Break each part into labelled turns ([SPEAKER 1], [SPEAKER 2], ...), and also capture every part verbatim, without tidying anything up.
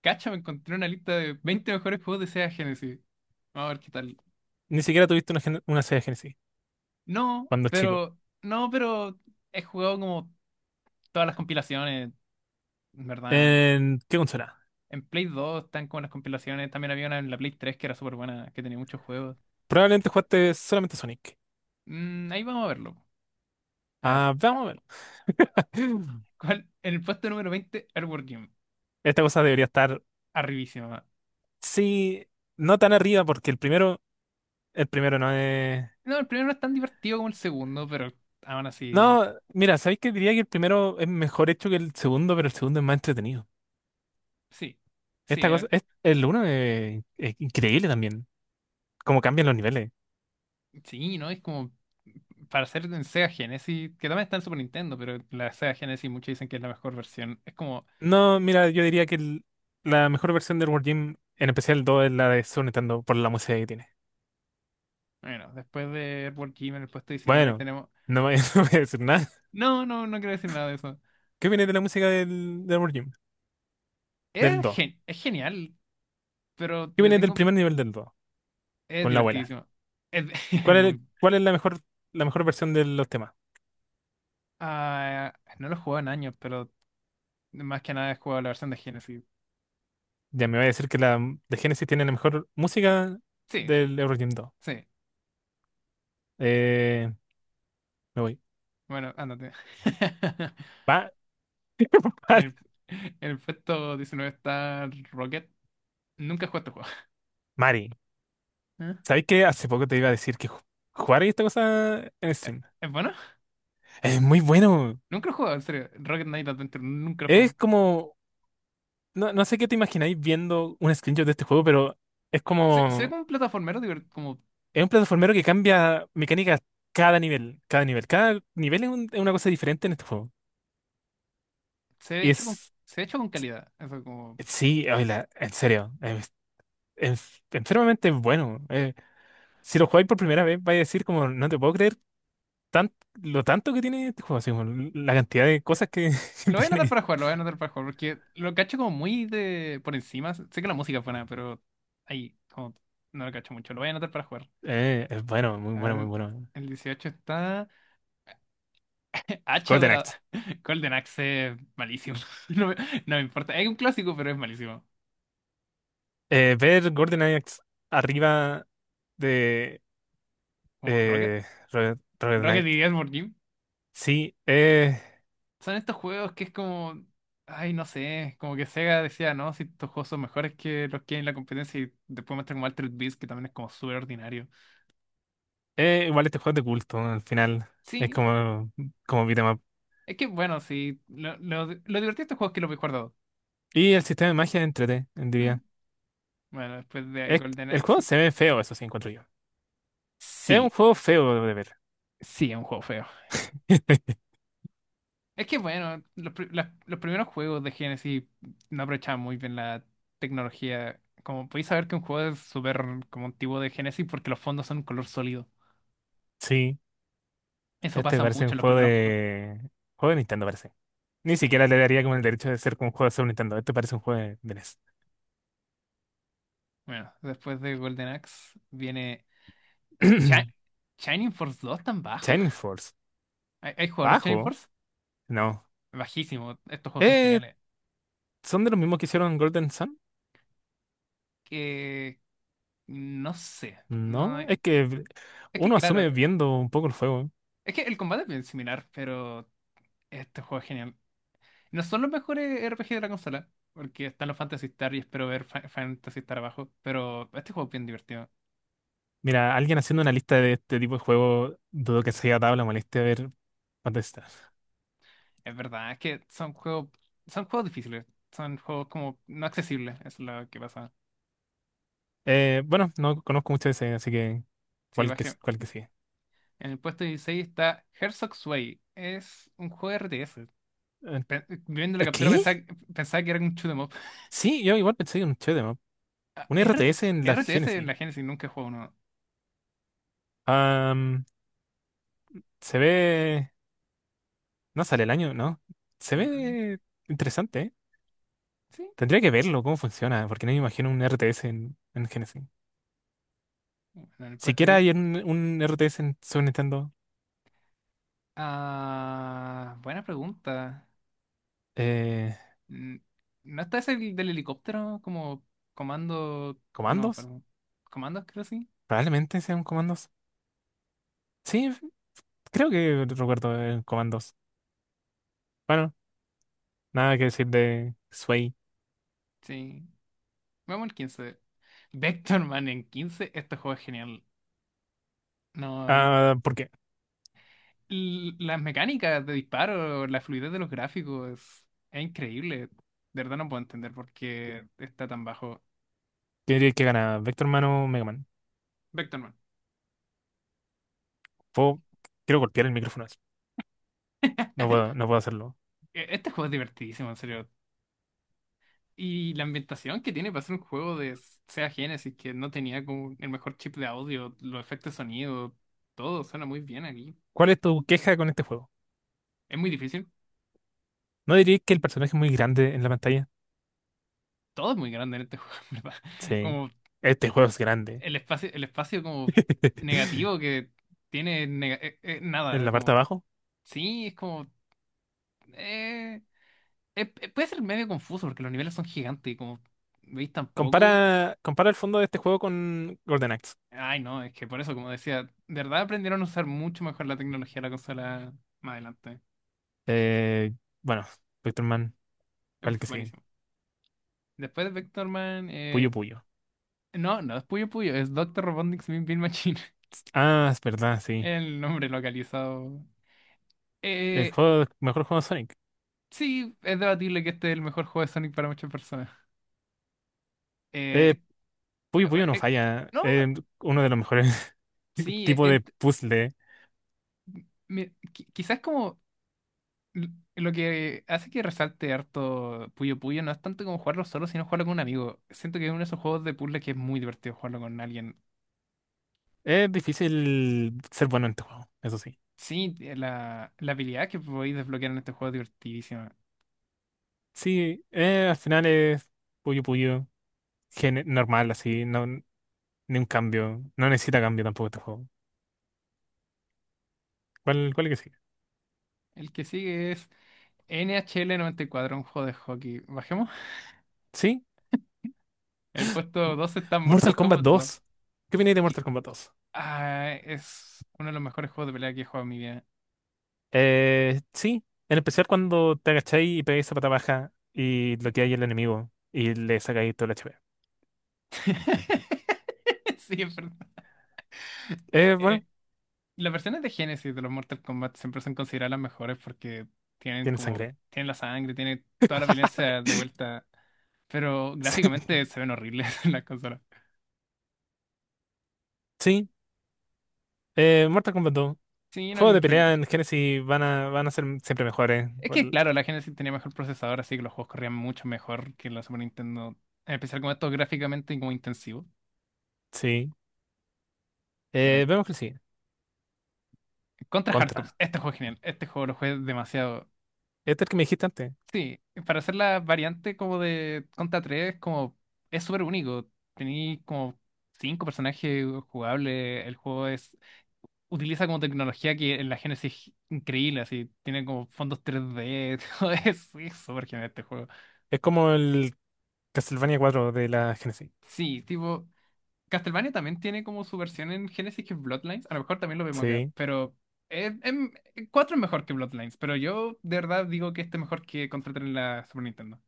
[SPEAKER 1] Cacha, me encontré una lista de veinte mejores juegos de Sega Genesis. Vamos a ver qué tal.
[SPEAKER 2] Ni siquiera tuviste una, gen- una Sega Genesis
[SPEAKER 1] No,
[SPEAKER 2] cuando chico.
[SPEAKER 1] pero. No, pero. He jugado como todas las compilaciones, en ¿verdad?
[SPEAKER 2] ¿En qué consola?
[SPEAKER 1] En Play dos están como las compilaciones. También había una en la Play tres que era súper buena, que tenía muchos juegos.
[SPEAKER 2] Probablemente jugaste solamente Sonic.
[SPEAKER 1] Mm, ahí vamos a verlo. A ver.
[SPEAKER 2] Ah, vamos a ver.
[SPEAKER 1] ¿Cuál? En el puesto número veinte, Earthworm Jim.
[SPEAKER 2] Esta cosa debería estar,
[SPEAKER 1] Arribísima.
[SPEAKER 2] sí, no tan arriba porque el primero, el primero no es...
[SPEAKER 1] No, el primero no es tan divertido como el segundo, pero aún así.
[SPEAKER 2] No, mira, ¿sabéis que diría que el primero es mejor hecho que el segundo, pero el segundo es más entretenido?
[SPEAKER 1] Sí. Sí,
[SPEAKER 2] Esta cosa,
[SPEAKER 1] eh,
[SPEAKER 2] es, el uno es, es increíble también, cómo cambian los niveles.
[SPEAKER 1] Sí, ¿no? Es como para hacer en Sega Genesis, que también está en Super Nintendo, pero la Sega Genesis muchos dicen que es la mejor versión. Es como,
[SPEAKER 2] No, mira, yo diría que el- la mejor versión del World Gym, en especial el dos, es la de Super Nintendo por la música que tiene.
[SPEAKER 1] bueno, después de Earthworm Jim en el puesto diecinueve
[SPEAKER 2] Bueno,
[SPEAKER 1] tenemos...
[SPEAKER 2] no voy, no voy a decir nada.
[SPEAKER 1] No, no, no quiero decir nada de eso.
[SPEAKER 2] ¿Qué viene de la música del, del Amor Jim? Del
[SPEAKER 1] Es,
[SPEAKER 2] Do.
[SPEAKER 1] gen- es genial, pero
[SPEAKER 2] ¿Qué
[SPEAKER 1] le
[SPEAKER 2] viene del
[SPEAKER 1] tengo...
[SPEAKER 2] primer nivel del Do?
[SPEAKER 1] Es
[SPEAKER 2] Con la abuela.
[SPEAKER 1] divertidísimo. Es, es
[SPEAKER 2] ¿Cuál es,
[SPEAKER 1] muy-
[SPEAKER 2] cuál es la mejor, la mejor versión de los temas?
[SPEAKER 1] Ah, no lo he jugado en años, pero más que nada he jugado la versión de Genesis.
[SPEAKER 2] Ya me va a decir que la de Genesis tiene la mejor música
[SPEAKER 1] Sí,
[SPEAKER 2] del Eurogym dos.
[SPEAKER 1] sí.
[SPEAKER 2] Eh, Me voy.
[SPEAKER 1] Bueno, ándate.
[SPEAKER 2] Va,
[SPEAKER 1] En el, en el puesto diecinueve está Rocket. Nunca he jugado este
[SPEAKER 2] Mari,
[SPEAKER 1] juego.
[SPEAKER 2] ¿sabéis que hace poco te iba a decir que ju- jugar esta cosa en stream?
[SPEAKER 1] ¿Es bueno?
[SPEAKER 2] Es muy bueno.
[SPEAKER 1] Nunca lo he jugado, en serio. Rocket Knight Adventure, nunca lo he
[SPEAKER 2] Es
[SPEAKER 1] jugado.
[SPEAKER 2] como. No, no sé qué te imagináis viendo un screenshot de este juego, pero es
[SPEAKER 1] Se, se ve
[SPEAKER 2] como.
[SPEAKER 1] como un plataformero divertido, como
[SPEAKER 2] Es un plataformero que cambia mecánicas cada nivel, cada nivel. Cada nivel es, un- es una cosa diferente en este juego.
[SPEAKER 1] se ve
[SPEAKER 2] Y
[SPEAKER 1] hecho con,
[SPEAKER 2] es,
[SPEAKER 1] se ve hecho con calidad. Eso como.
[SPEAKER 2] sí, oíla, en serio, es, es enfermamente bueno. Eh, si lo jugáis por primera vez, vais a decir como, no te puedo creer tan, lo tanto que tiene este juego, así como la cantidad de cosas que, que
[SPEAKER 1] Lo voy a anotar
[SPEAKER 2] tiene.
[SPEAKER 1] para jugar, lo voy a anotar para jugar, porque lo cacho como muy de por encima. Sé que la música es buena, pero ahí como no lo cacho mucho. Lo voy a anotar para jugar.
[SPEAKER 2] Eh, es bueno, muy
[SPEAKER 1] A
[SPEAKER 2] bueno, muy
[SPEAKER 1] ver,
[SPEAKER 2] bueno.
[SPEAKER 1] el dieciocho está. Hacha
[SPEAKER 2] Golden
[SPEAKER 1] dorada.
[SPEAKER 2] Axe.
[SPEAKER 1] Golden Axe, malísimo. No me, no me importa. Es un clásico, pero es malísimo.
[SPEAKER 2] Eh, ver Golden Axe arriba de
[SPEAKER 1] Como Rocket.
[SPEAKER 2] eh, Red, Red Knight.
[SPEAKER 1] Rocket y Edward.
[SPEAKER 2] Sí, eh,
[SPEAKER 1] Son estos juegos que es como, ay, no sé, como que Sega decía, no, si estos juegos son mejores que los que hay en la competencia y después muestran como Altered Beast, que también es como súper ordinario.
[SPEAKER 2] Eh, igual este juego es de culto, al final. Es
[SPEAKER 1] Sí,
[SPEAKER 2] como, como beat 'em up.
[SPEAKER 1] es que bueno, sí, lo, lo, lo divertido de estos juegos es que los he guardado.
[SPEAKER 2] Y el sistema de magia es entrete,
[SPEAKER 1] Mm.
[SPEAKER 2] diría.
[SPEAKER 1] Bueno, después de
[SPEAKER 2] Es,
[SPEAKER 1] Golden
[SPEAKER 2] el juego
[SPEAKER 1] Axe,
[SPEAKER 2] se ve feo, eso sí, encuentro yo. Es un
[SPEAKER 1] sí,
[SPEAKER 2] juego feo de ver.
[SPEAKER 1] sí, es un juego feo. Es que bueno, los, pri- las- los primeros juegos de Genesis no aprovechaban muy bien la tecnología. Como podéis saber que un juego es súper como antiguo de Genesis porque los fondos son color sólido.
[SPEAKER 2] Sí,
[SPEAKER 1] Eso
[SPEAKER 2] este
[SPEAKER 1] pasa
[SPEAKER 2] parece
[SPEAKER 1] mucho
[SPEAKER 2] un
[SPEAKER 1] en los
[SPEAKER 2] juego
[SPEAKER 1] primeros juegos.
[SPEAKER 2] de... juego de Nintendo, parece. Ni siquiera
[SPEAKER 1] Sí.
[SPEAKER 2] le daría como el derecho de ser como un juego de Super Nintendo. Este parece un juego de, de NES.
[SPEAKER 1] Bueno, después de Golden Axe viene Shi- Shining Force dos tan bajo.
[SPEAKER 2] Shining Force.
[SPEAKER 1] ¿Hay, hay jugado a los Shining
[SPEAKER 2] ¿Bajo?
[SPEAKER 1] Force?
[SPEAKER 2] No.
[SPEAKER 1] Bajísimo, estos juegos son
[SPEAKER 2] Eh,
[SPEAKER 1] geniales.
[SPEAKER 2] ¿Son de los mismos que hicieron Golden Sun?
[SPEAKER 1] Que no sé, no
[SPEAKER 2] No,
[SPEAKER 1] es
[SPEAKER 2] es que
[SPEAKER 1] que
[SPEAKER 2] uno
[SPEAKER 1] claro,
[SPEAKER 2] asume viendo un poco el juego.
[SPEAKER 1] es que el combate es bien similar, pero este juego es genial. No son los mejores R P G de la consola, porque están los Fantasy Star y espero ver Fa- Fantasy Star abajo, pero este juego es bien divertido.
[SPEAKER 2] Mira, alguien haciendo una lista de este tipo de juego, dudo que se haya dado la molestia de ver cuántas están.
[SPEAKER 1] Es verdad, es que son juegos, son juegos difíciles, son juegos como no accesibles, es lo que pasa.
[SPEAKER 2] Eh, bueno, no conozco mucho de ese, así que
[SPEAKER 1] Sí.
[SPEAKER 2] cuál que, cuál que sigue.
[SPEAKER 1] En el puesto dieciséis está Herzog's Way. Es un juego R T S.
[SPEAKER 2] Eh,
[SPEAKER 1] Pe- eh, Viendo la captura
[SPEAKER 2] ¿Qué?
[SPEAKER 1] pensaba, pensaba, que era un shoot 'em up.
[SPEAKER 2] Sí, yo igual pensé en un shoot'em up.
[SPEAKER 1] Ah,
[SPEAKER 2] Un
[SPEAKER 1] R T
[SPEAKER 2] R T S en la
[SPEAKER 1] R T S en
[SPEAKER 2] Genesis.
[SPEAKER 1] la Genesis nunca he jugado uno.
[SPEAKER 2] Am, Se ve. No sale el año, ¿no? Se
[SPEAKER 1] Mm,
[SPEAKER 2] ve interesante, ¿eh?
[SPEAKER 1] Sí.
[SPEAKER 2] Tendría que verlo, cómo funciona, porque no me imagino un R T S en, en Genesis.
[SPEAKER 1] Bueno, en el puesto
[SPEAKER 2] Siquiera
[SPEAKER 1] quince.
[SPEAKER 2] hay un, un R T S en Super Nintendo.
[SPEAKER 1] Ah, buena pregunta.
[SPEAKER 2] Eh,
[SPEAKER 1] Mm, ¿No está ese del helicóptero como comando? No me
[SPEAKER 2] ¿Comandos?
[SPEAKER 1] acuerdo. ¿Comandos creo sí?
[SPEAKER 2] Probablemente sean comandos. Sí, Creo que recuerdo el Comandos. Bueno, nada que decir de Sway.
[SPEAKER 1] Sí. Vamos al quince. Vectorman en quince. Este juego es genial. No, no
[SPEAKER 2] Ah, ¿por qué?
[SPEAKER 1] l- las mecánicas de disparo, la fluidez de los gráficos, es, es increíble. De verdad no puedo entender por qué está tan bajo.
[SPEAKER 2] ¿Qué diría que gana? ¿Vector Man o Mega Man?
[SPEAKER 1] Vectorman.
[SPEAKER 2] Puedo- Quiero golpear el micrófono así. No puedo, no puedo hacerlo.
[SPEAKER 1] E- Este juego es divertidísimo, en serio. Y la ambientación que tiene para ser un juego de Sega Genesis, que no tenía como el mejor chip de audio, los efectos de sonido, todo suena muy bien aquí.
[SPEAKER 2] ¿Cuál es tu queja con este juego?
[SPEAKER 1] Es muy difícil.
[SPEAKER 2] ¿No dirías que el personaje es muy grande en la pantalla?
[SPEAKER 1] Todo es muy grande en este juego, en ¿verdad?
[SPEAKER 2] Sí.
[SPEAKER 1] Como
[SPEAKER 2] Este juego es grande.
[SPEAKER 1] el espacio, el espacio como negativo que tiene nega- eh, eh,
[SPEAKER 2] En
[SPEAKER 1] nada.
[SPEAKER 2] la parte
[SPEAKER 1] Como,
[SPEAKER 2] de abajo.
[SPEAKER 1] sí, es como. eh, Eh, eh, puede ser medio confuso porque los niveles son gigantes y como veis tampoco.
[SPEAKER 2] Compara, compara el fondo de este juego con Golden Axe.
[SPEAKER 1] Ay, no, es que por eso, como decía, de verdad aprendieron a usar mucho mejor la tecnología de la consola más adelante.
[SPEAKER 2] Eh, bueno, Vector Man,
[SPEAKER 1] Es
[SPEAKER 2] ¿cuál que sigue?
[SPEAKER 1] buenísimo. Después de Vectorman,
[SPEAKER 2] Puyo
[SPEAKER 1] eh...
[SPEAKER 2] Puyo.
[SPEAKER 1] no, no es Puyo Puyo, es Doctor Robotnik's Mean Bean Machine.
[SPEAKER 2] Ah, es verdad, sí.
[SPEAKER 1] El nombre localizado.
[SPEAKER 2] El
[SPEAKER 1] Eh,
[SPEAKER 2] juego, mejor juego de Sonic.
[SPEAKER 1] sí, es debatible que este es el mejor juego de Sonic para muchas personas.
[SPEAKER 2] Eh,
[SPEAKER 1] Eh,
[SPEAKER 2] Puyo
[SPEAKER 1] eh,
[SPEAKER 2] Puyo no
[SPEAKER 1] eh,
[SPEAKER 2] falla.
[SPEAKER 1] no,
[SPEAKER 2] Es uno de los mejores
[SPEAKER 1] sí, eh,
[SPEAKER 2] tipos de
[SPEAKER 1] ent-
[SPEAKER 2] puzzle.
[SPEAKER 1] mi- qui- quizás como. l- Lo que hace que resalte harto Puyo Puyo no es tanto como jugarlo solo, sino jugarlo con un amigo. Siento que es uno de esos juegos de puzzle que es muy divertido jugarlo con alguien.
[SPEAKER 2] Es difícil ser bueno en este juego, eso sí.
[SPEAKER 1] Sí, eh, la, la habilidad que podéis desbloquear en este juego es divertidísima.
[SPEAKER 2] Sí, eh, al final es Puyo Puyo gene- normal, así, no, ni un cambio. No necesita cambio tampoco este juego. ¿Cuál, cuál es que sigue?
[SPEAKER 1] El que sigue es N H N H L noventa y cuatro, un juego de hockey. Bajemos.
[SPEAKER 2] Sí,
[SPEAKER 1] El puesto
[SPEAKER 2] M-
[SPEAKER 1] doce está
[SPEAKER 2] Mortal
[SPEAKER 1] Mortal
[SPEAKER 2] Kombat
[SPEAKER 1] Kombat dos.
[SPEAKER 2] dos. ¿Qué viene de
[SPEAKER 1] que-
[SPEAKER 2] Mortal Kombat dos?
[SPEAKER 1] ah, es uno de los mejores juegos de pelea que he jugado en mi vida.
[SPEAKER 2] Eh, sí, en especial cuando te agacháis y pegáis esa pata baja y bloqueáis al enemigo y le sacáis todo el H P.
[SPEAKER 1] Sí, es verdad.
[SPEAKER 2] Eh, bueno,
[SPEAKER 1] Las versiones de Genesis de los Mortal Kombat siempre son consideradas las mejores porque tienen
[SPEAKER 2] tiene
[SPEAKER 1] como,
[SPEAKER 2] sangre.
[SPEAKER 1] tienen la sangre, tienen toda la violencia de vuelta, pero gráficamente se ven horribles en las consolas.
[SPEAKER 2] Sí. Eh, Mortal Kombat dos.
[SPEAKER 1] Sí, no hay
[SPEAKER 2] Juegos de
[SPEAKER 1] mucho. que-
[SPEAKER 2] pelea en Genesis van a, van a ser siempre mejores.
[SPEAKER 1] Es
[SPEAKER 2] Por-
[SPEAKER 1] que claro, la Genesis tenía mejor procesador, así que los juegos corrían mucho mejor que la Super Nintendo, en especial como esto gráficamente y como intensivo.
[SPEAKER 2] Sí.
[SPEAKER 1] Bueno,
[SPEAKER 2] Eh, vemos que sí.
[SPEAKER 1] Contra Hardcore,
[SPEAKER 2] Contra.
[SPEAKER 1] este juego es genial, este juego lo jugué demasiado.
[SPEAKER 2] Este es el que me dijiste antes.
[SPEAKER 1] Sí, para hacer la variante como de Contra tres como es súper único. Tení como cinco personajes jugables. El juego es utiliza como tecnología que en la Genesis es increíble, así tiene como fondos tres D, todo eso, es súper genial este juego.
[SPEAKER 2] Es como el Castlevania cuatro de la Genesis.
[SPEAKER 1] Sí, tipo Castlevania también tiene como su versión en Genesis que es Bloodlines, a lo mejor también lo vemos acá,
[SPEAKER 2] Sí.
[SPEAKER 1] pero es, em- cuatro es mejor que Bloodlines, pero yo de verdad digo que este es mejor que Contra tres en la Super Nintendo.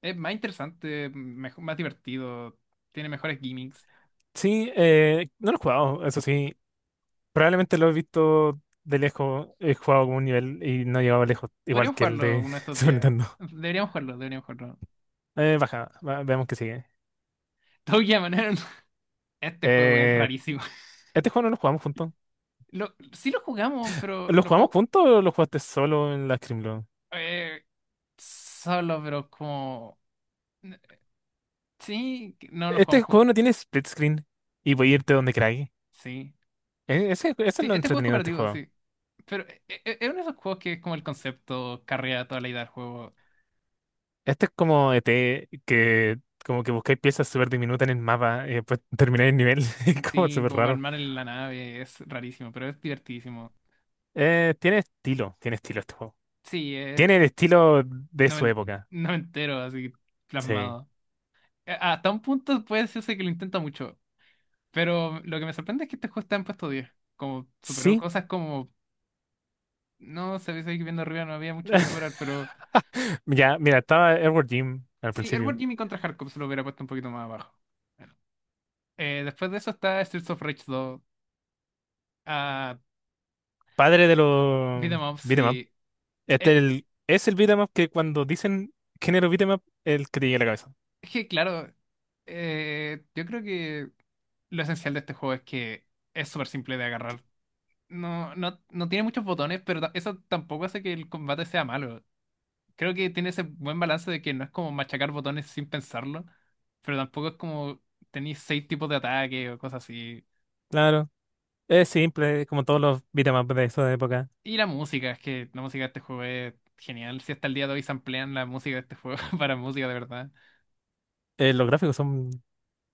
[SPEAKER 1] Es más interesante, mejo- más divertido, tiene mejores gimmicks.
[SPEAKER 2] Sí, eh, no lo he jugado, eso sí. Probablemente lo he visto de lejos. He jugado como un nivel y no he llegado lejos, igual
[SPEAKER 1] Podríamos
[SPEAKER 2] que el
[SPEAKER 1] jugarlo
[SPEAKER 2] de
[SPEAKER 1] uno de estos
[SPEAKER 2] Super
[SPEAKER 1] días.
[SPEAKER 2] Nintendo.
[SPEAKER 1] Deberíamos jugarlo, deberíamos jugarlo.
[SPEAKER 2] Eh, baja, va- veamos que sigue.
[SPEAKER 1] Toguya, Manero, este juego es
[SPEAKER 2] Eh,
[SPEAKER 1] rarísimo.
[SPEAKER 2] este juego no lo jugamos juntos.
[SPEAKER 1] Lo, sí lo jugamos, pero
[SPEAKER 2] ¿Lo
[SPEAKER 1] lo
[SPEAKER 2] jugamos
[SPEAKER 1] jugamos
[SPEAKER 2] juntos o lo jugaste solo en la Scrimlo?
[SPEAKER 1] eh, solo, pero como... Sí, que- no lo
[SPEAKER 2] Este
[SPEAKER 1] jugamos
[SPEAKER 2] juego
[SPEAKER 1] juntos.
[SPEAKER 2] no tiene split screen y voy a irte donde queráis.
[SPEAKER 1] Sí.
[SPEAKER 2] E- Ese, eso
[SPEAKER 1] Sí,
[SPEAKER 2] es lo
[SPEAKER 1] este juego es
[SPEAKER 2] entretenido de este
[SPEAKER 1] cooperativo,
[SPEAKER 2] juego.
[SPEAKER 1] sí. Pero e- e- es uno de esos juegos que es como el concepto carrea toda la idea del juego.
[SPEAKER 2] Este es como E T, que como que buscáis piezas súper diminutas en el mapa y después termináis el nivel. Es como
[SPEAKER 1] Sí,
[SPEAKER 2] súper
[SPEAKER 1] como
[SPEAKER 2] raro.
[SPEAKER 1] armar en la nave es rarísimo, pero es divertidísimo.
[SPEAKER 2] Eh, tiene estilo, tiene estilo este juego.
[SPEAKER 1] Sí, es
[SPEAKER 2] Tiene el estilo de
[SPEAKER 1] no no
[SPEAKER 2] su
[SPEAKER 1] me
[SPEAKER 2] época.
[SPEAKER 1] no me entero así
[SPEAKER 2] Sí.
[SPEAKER 1] plasmado. Eh, Hasta un punto puede decirse que lo intenta mucho, pero lo que me sorprende es que este juego está en puesto diez. Como superó
[SPEAKER 2] Sí.
[SPEAKER 1] cosas como, no se seguir viendo arriba, no había mucho que superar, pero
[SPEAKER 2] Ya, mira, estaba Edward Jim al
[SPEAKER 1] sí,
[SPEAKER 2] principio.
[SPEAKER 1] Edward Jimmy Contra Hardcore se lo hubiera puesto un poquito más abajo. Bueno, eh, después de eso está Streets of Rage dos a
[SPEAKER 2] Padre de
[SPEAKER 1] Beat
[SPEAKER 2] los
[SPEAKER 1] 'em Ups
[SPEAKER 2] beat'em up.
[SPEAKER 1] y...
[SPEAKER 2] Este
[SPEAKER 1] eh,
[SPEAKER 2] es el, es el beat'em up que cuando dicen género beat'em up, el que te llega a la cabeza.
[SPEAKER 1] es que claro, eh, yo creo que lo esencial de este juego es que es súper simple de agarrar. No, no, no tiene muchos botones, pero ta- eso tampoco hace que el combate sea malo. Creo que tiene ese buen balance de que no es como machacar botones sin pensarlo, pero tampoco es como tenéis seis tipos de ataque o cosas así.
[SPEAKER 2] Claro. Es simple, como todos los beatemaps de esa época.
[SPEAKER 1] Y la música, es que la música de este juego es genial. Si hasta el día de hoy samplean la música de este juego para música de verdad.
[SPEAKER 2] Eh, los gráficos son,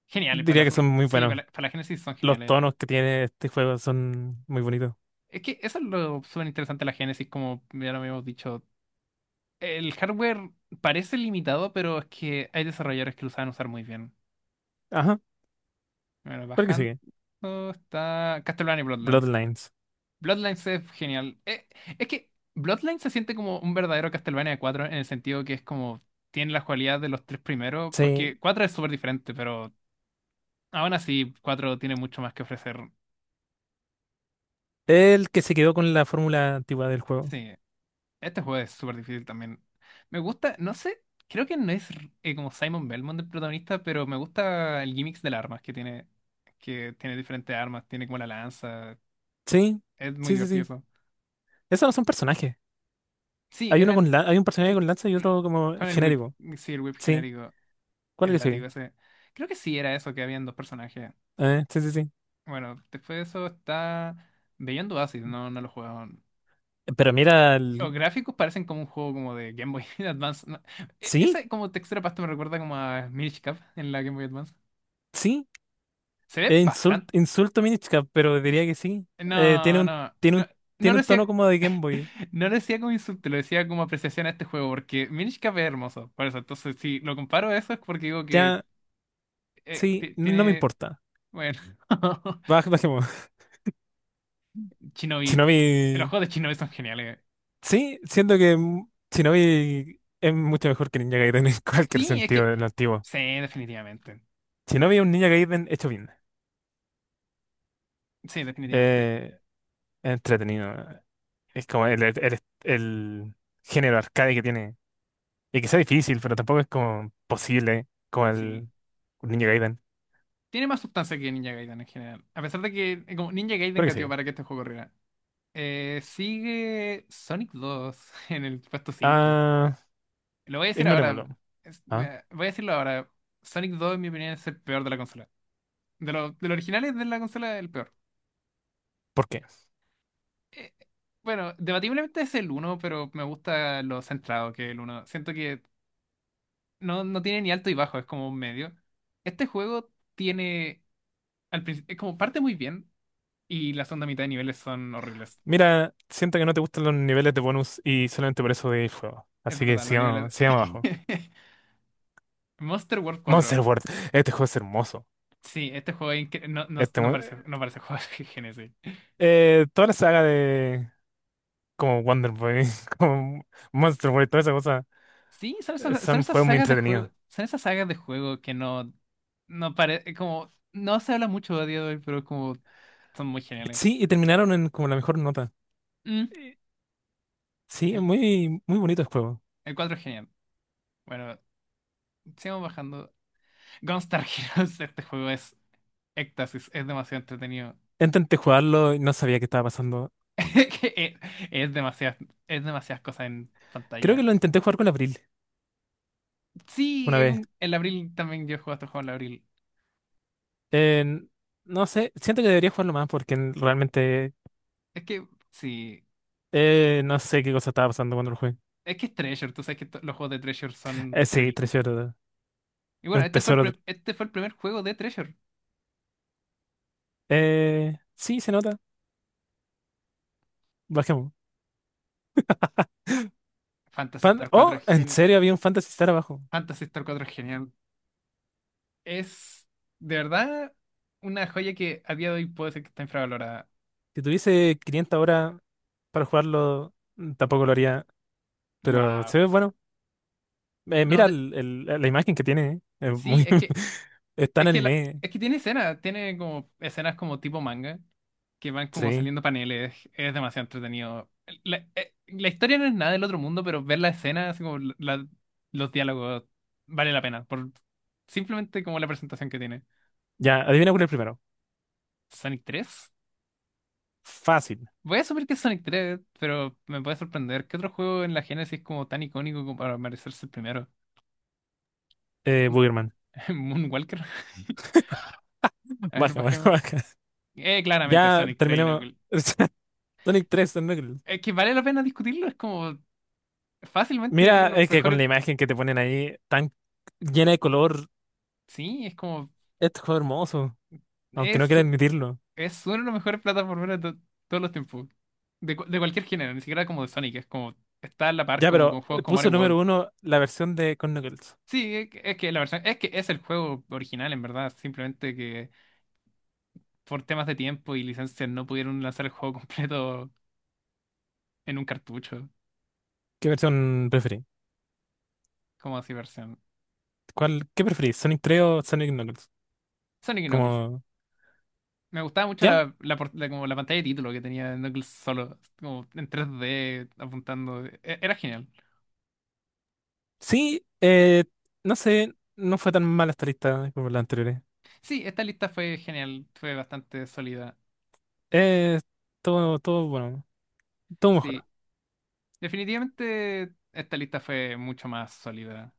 [SPEAKER 1] Geniales, para la
[SPEAKER 2] diría que
[SPEAKER 1] Super-
[SPEAKER 2] son muy
[SPEAKER 1] sí, para
[SPEAKER 2] buenos.
[SPEAKER 1] la, para la Genesis son
[SPEAKER 2] Los
[SPEAKER 1] geniales.
[SPEAKER 2] tonos que tiene este juego son muy bonitos.
[SPEAKER 1] Es que eso es lo súper interesante de la Genesis, como ya lo habíamos dicho. El hardware parece limitado, pero es que hay desarrolladores que lo saben usar muy bien.
[SPEAKER 2] Ajá,
[SPEAKER 1] Bueno,
[SPEAKER 2] ¿por qué
[SPEAKER 1] bajando
[SPEAKER 2] sigue?
[SPEAKER 1] está Castlevania y Bloodlines.
[SPEAKER 2] Bloodlines.
[SPEAKER 1] Bloodlines es genial. Eh, es que Bloodlines se siente como un verdadero Castlevania cuatro en el sentido que es como tiene la cualidad de los tres primeros,
[SPEAKER 2] Sí,
[SPEAKER 1] porque cuatro es súper diferente, pero aún así cuatro tiene mucho más que ofrecer.
[SPEAKER 2] el que se quedó con la fórmula antigua del juego.
[SPEAKER 1] Sí, este juego es súper difícil también. Me gusta, no sé, creo que no es eh, como Simon Belmont el protagonista, pero me gusta el gimmicks de las armas que tiene, que tiene diferentes armas, tiene como la lanza.
[SPEAKER 2] Sí,
[SPEAKER 1] Es muy
[SPEAKER 2] sí, sí,
[SPEAKER 1] divertido
[SPEAKER 2] sí.
[SPEAKER 1] eso.
[SPEAKER 2] Esos no son personajes.
[SPEAKER 1] Sí,
[SPEAKER 2] Hay uno con
[SPEAKER 1] eran.
[SPEAKER 2] la- hay un personaje
[SPEAKER 1] Sí.
[SPEAKER 2] con lanza y
[SPEAKER 1] mm,
[SPEAKER 2] otro como
[SPEAKER 1] Con el whip.
[SPEAKER 2] genérico.
[SPEAKER 1] Sí, el whip
[SPEAKER 2] Sí,
[SPEAKER 1] genérico.
[SPEAKER 2] ¿cuál es
[SPEAKER 1] El
[SPEAKER 2] el que
[SPEAKER 1] látigo
[SPEAKER 2] sigue?
[SPEAKER 1] ese. Creo que sí era eso que habían dos personajes.
[SPEAKER 2] Eh, sí, sí, sí.
[SPEAKER 1] Bueno, después de eso está. Beyond Oasis, no, no lo jugaban.
[SPEAKER 2] Pero mira,
[SPEAKER 1] Los
[SPEAKER 2] el-
[SPEAKER 1] gráficos parecen como un juego como de Game Boy Advance. No. E-
[SPEAKER 2] sí,
[SPEAKER 1] Esa como textura pasta me recuerda como a Minish Cap en la Game Boy Advance.
[SPEAKER 2] sí.
[SPEAKER 1] Se ve
[SPEAKER 2] Eh, insult-
[SPEAKER 1] bastante.
[SPEAKER 2] insulto Minish Cap, pero diría que sí. Eh, tiene
[SPEAKER 1] No,
[SPEAKER 2] un,
[SPEAKER 1] no.
[SPEAKER 2] tiene
[SPEAKER 1] No,
[SPEAKER 2] un
[SPEAKER 1] no
[SPEAKER 2] tiene
[SPEAKER 1] lo
[SPEAKER 2] un tono
[SPEAKER 1] decía.
[SPEAKER 2] como de Game Boy.
[SPEAKER 1] No lo decía como insulto, lo decía como apreciación a este juego, porque Minish Cap es hermoso. Por eso, entonces, si lo comparo a eso es porque digo que
[SPEAKER 2] Ya,
[SPEAKER 1] eh,
[SPEAKER 2] sí,
[SPEAKER 1] ti-
[SPEAKER 2] no me
[SPEAKER 1] tiene,
[SPEAKER 2] importa.
[SPEAKER 1] bueno,
[SPEAKER 2] Baj- bajemos.
[SPEAKER 1] Shinobi, los
[SPEAKER 2] Shinobi.
[SPEAKER 1] juegos de Shinobi son geniales.
[SPEAKER 2] Sí, siento que mm, Shinobi es mucho mejor que Ninja Gaiden en cualquier
[SPEAKER 1] Sí, es
[SPEAKER 2] sentido
[SPEAKER 1] que,
[SPEAKER 2] del antiguo.
[SPEAKER 1] sí, definitivamente.
[SPEAKER 2] Shinobi es un Ninja Gaiden hecho bien.
[SPEAKER 1] Sí, definitivamente.
[SPEAKER 2] Eh, es entretenido. Es como el, el, el- el género arcade que tiene. Y que sea difícil, pero tampoco es como posible como
[SPEAKER 1] Sí.
[SPEAKER 2] el Ninja Gaiden.
[SPEAKER 1] Tiene más sustancia que Ninja Gaiden en general. A pesar de que eh, como Ninja Gaiden
[SPEAKER 2] Creo que
[SPEAKER 1] gateó
[SPEAKER 2] sí.
[SPEAKER 1] para que este juego corriera. Eh, sigue Sonic dos en el puesto cinco.
[SPEAKER 2] Ah,
[SPEAKER 1] Lo voy a decir ahora.
[SPEAKER 2] ignorémoslo.
[SPEAKER 1] Es-
[SPEAKER 2] ¿Ah?
[SPEAKER 1] mira, voy a decirlo ahora. Sonic dos, en mi opinión, es el peor de la consola. De, los de los originales de la consola, el peor.
[SPEAKER 2] ¿Por qué?
[SPEAKER 1] eh, bueno, debatiblemente es el uno, pero me gusta lo centrado que es el uno. Siento que no, no tiene ni alto y bajo, es como un medio. Este juego tiene, al principio, como parte muy bien y la segunda mitad de niveles son horribles.
[SPEAKER 2] Mira, siento que no te gustan los niveles de bonus y solamente por eso de el juego.
[SPEAKER 1] Es
[SPEAKER 2] Así que
[SPEAKER 1] verdad, los niveles...
[SPEAKER 2] sigamos, sigamos abajo.
[SPEAKER 1] Mm. Monster World cuatro.
[SPEAKER 2] Monster World, este juego es hermoso.
[SPEAKER 1] Sí, este juego es incre- no, no,
[SPEAKER 2] Este,
[SPEAKER 1] no
[SPEAKER 2] mon-
[SPEAKER 1] parece, no parece juego de Genesis.
[SPEAKER 2] eh, toda la saga de como Wonder Boy, como Monster World, toda esa cosa,
[SPEAKER 1] Sí, son
[SPEAKER 2] eh,
[SPEAKER 1] esas, son
[SPEAKER 2] son
[SPEAKER 1] esas
[SPEAKER 2] juegos muy
[SPEAKER 1] sagas de
[SPEAKER 2] entretenidos.
[SPEAKER 1] juego, son esas sagas de juego que no, no parece, como, no se habla mucho a día de hoy, pero como son muy geniales.
[SPEAKER 2] Sí, y terminaron en como la mejor nota.
[SPEAKER 1] Mm.
[SPEAKER 2] Eh, Sí, es muy, muy bonito el juego.
[SPEAKER 1] El cuatro es genial. Bueno, sigamos bajando. Gunstar Heroes, este juego es éxtasis, es demasiado entretenido.
[SPEAKER 2] Intenté jugarlo y no sabía qué estaba pasando.
[SPEAKER 1] Es, es demasiadas, es demasiadas, cosas en
[SPEAKER 2] Creo que
[SPEAKER 1] pantalla.
[SPEAKER 2] lo intenté jugar con Abril
[SPEAKER 1] Sí,
[SPEAKER 2] una
[SPEAKER 1] hay
[SPEAKER 2] vez.
[SPEAKER 1] un- el abril también yo he jugado este juego en el abril.
[SPEAKER 2] En- no sé, siento que debería jugarlo más porque realmente
[SPEAKER 1] Es que, sí,
[SPEAKER 2] Eh, no sé qué cosa estaba pasando cuando lo jugué.
[SPEAKER 1] es que es Treasure, tú sabes que to- los juegos de Treasure
[SPEAKER 2] Eh,
[SPEAKER 1] son
[SPEAKER 2] sí,
[SPEAKER 1] ridículos.
[SPEAKER 2] Treasure.
[SPEAKER 1] Y
[SPEAKER 2] Es
[SPEAKER 1] bueno,
[SPEAKER 2] un
[SPEAKER 1] este fue el,
[SPEAKER 2] tesoro.
[SPEAKER 1] pre- este fue el primer juego de Treasure.
[SPEAKER 2] Eh, sí, se nota. Bajemos.
[SPEAKER 1] Phantasy
[SPEAKER 2] Fan-
[SPEAKER 1] Star cuatro
[SPEAKER 2] oh,
[SPEAKER 1] es
[SPEAKER 2] en
[SPEAKER 1] genial.
[SPEAKER 2] serio, había un Fantasy Star abajo.
[SPEAKER 1] Phantasy Star cuatro es genial. Es, de verdad, una joya que a día de hoy puede ser que está infravalorada.
[SPEAKER 2] Si tuviese quinientas horas para jugarlo, mm, tampoco lo haría. Pero
[SPEAKER 1] Wow.
[SPEAKER 2] se ve bueno. Eh,
[SPEAKER 1] No,
[SPEAKER 2] mira el- el- la imagen que tiene. eh, Es
[SPEAKER 1] sí,
[SPEAKER 2] muy,
[SPEAKER 1] es que,
[SPEAKER 2] es tan
[SPEAKER 1] es que, la-
[SPEAKER 2] anime.
[SPEAKER 1] es que tiene escenas, tiene como escenas como tipo manga, que van como
[SPEAKER 2] Sí.
[SPEAKER 1] saliendo paneles, es demasiado entretenido. La, eh, la historia no es nada del otro mundo, pero ver la escena, así como la- la- los diálogos, vale la pena, por simplemente como la presentación que tiene.
[SPEAKER 2] Ya, adivina cuál es el primero.
[SPEAKER 1] Sonic tres.
[SPEAKER 2] Fácil.
[SPEAKER 1] Voy a asumir que es Sonic tres, pero me puede sorprender. ¿Qué otro juego en la Genesis como tan icónico como para merecerse el primero?
[SPEAKER 2] Eh, Boogerman.
[SPEAKER 1] Moonwalker. A ver,
[SPEAKER 2] Baja, baja,
[SPEAKER 1] bajemos.
[SPEAKER 2] baja.
[SPEAKER 1] Eh, claramente
[SPEAKER 2] Ya
[SPEAKER 1] Sonic tres y no-
[SPEAKER 2] terminemos. Sonic tres, Sonic.
[SPEAKER 1] Es que vale la pena discutirlo, es como. Fácilmente uno de
[SPEAKER 2] Mira,
[SPEAKER 1] los
[SPEAKER 2] es que con la
[SPEAKER 1] mejores.
[SPEAKER 2] imagen que te ponen ahí, tan llena de color,
[SPEAKER 1] Sí, es como.
[SPEAKER 2] esto es hermoso, aunque no
[SPEAKER 1] Es,
[SPEAKER 2] quiera
[SPEAKER 1] u-
[SPEAKER 2] admitirlo.
[SPEAKER 1] es uno de los mejores plataformeros de to- todos los tiempos. De, cu- de cualquier género, ni siquiera como de Sonic. Es como. Está a la par
[SPEAKER 2] Ya,
[SPEAKER 1] como
[SPEAKER 2] pero
[SPEAKER 1] con juegos como
[SPEAKER 2] puso
[SPEAKER 1] Mario World.
[SPEAKER 2] número uno la versión de con Knuckles.
[SPEAKER 1] Sí, es que es que la versión. Es que es el juego original, en verdad. Simplemente que por temas de tiempo y licencias no pudieron lanzar el juego completo en un cartucho.
[SPEAKER 2] ¿Qué versión preferís?
[SPEAKER 1] Como así versión.
[SPEAKER 2] ¿Cuál, qué preferís? ¿Sonic tres o Sonic Knuckles?
[SPEAKER 1] Sonic y Knuckles.
[SPEAKER 2] Como,
[SPEAKER 1] Me gustaba mucho
[SPEAKER 2] ya,
[SPEAKER 1] la, la, por- la- como la pantalla de título que tenía Knuckles solo, como en tres D apuntando. E- Era genial.
[SPEAKER 2] sí, eh, no sé, no fue tan mala esta lista como las anteriores.
[SPEAKER 1] Sí, esta lista fue genial, fue bastante sólida.
[SPEAKER 2] Eh, todo, todo, bueno, todo mejor.
[SPEAKER 1] Sí, definitivamente esta lista fue mucho más sólida.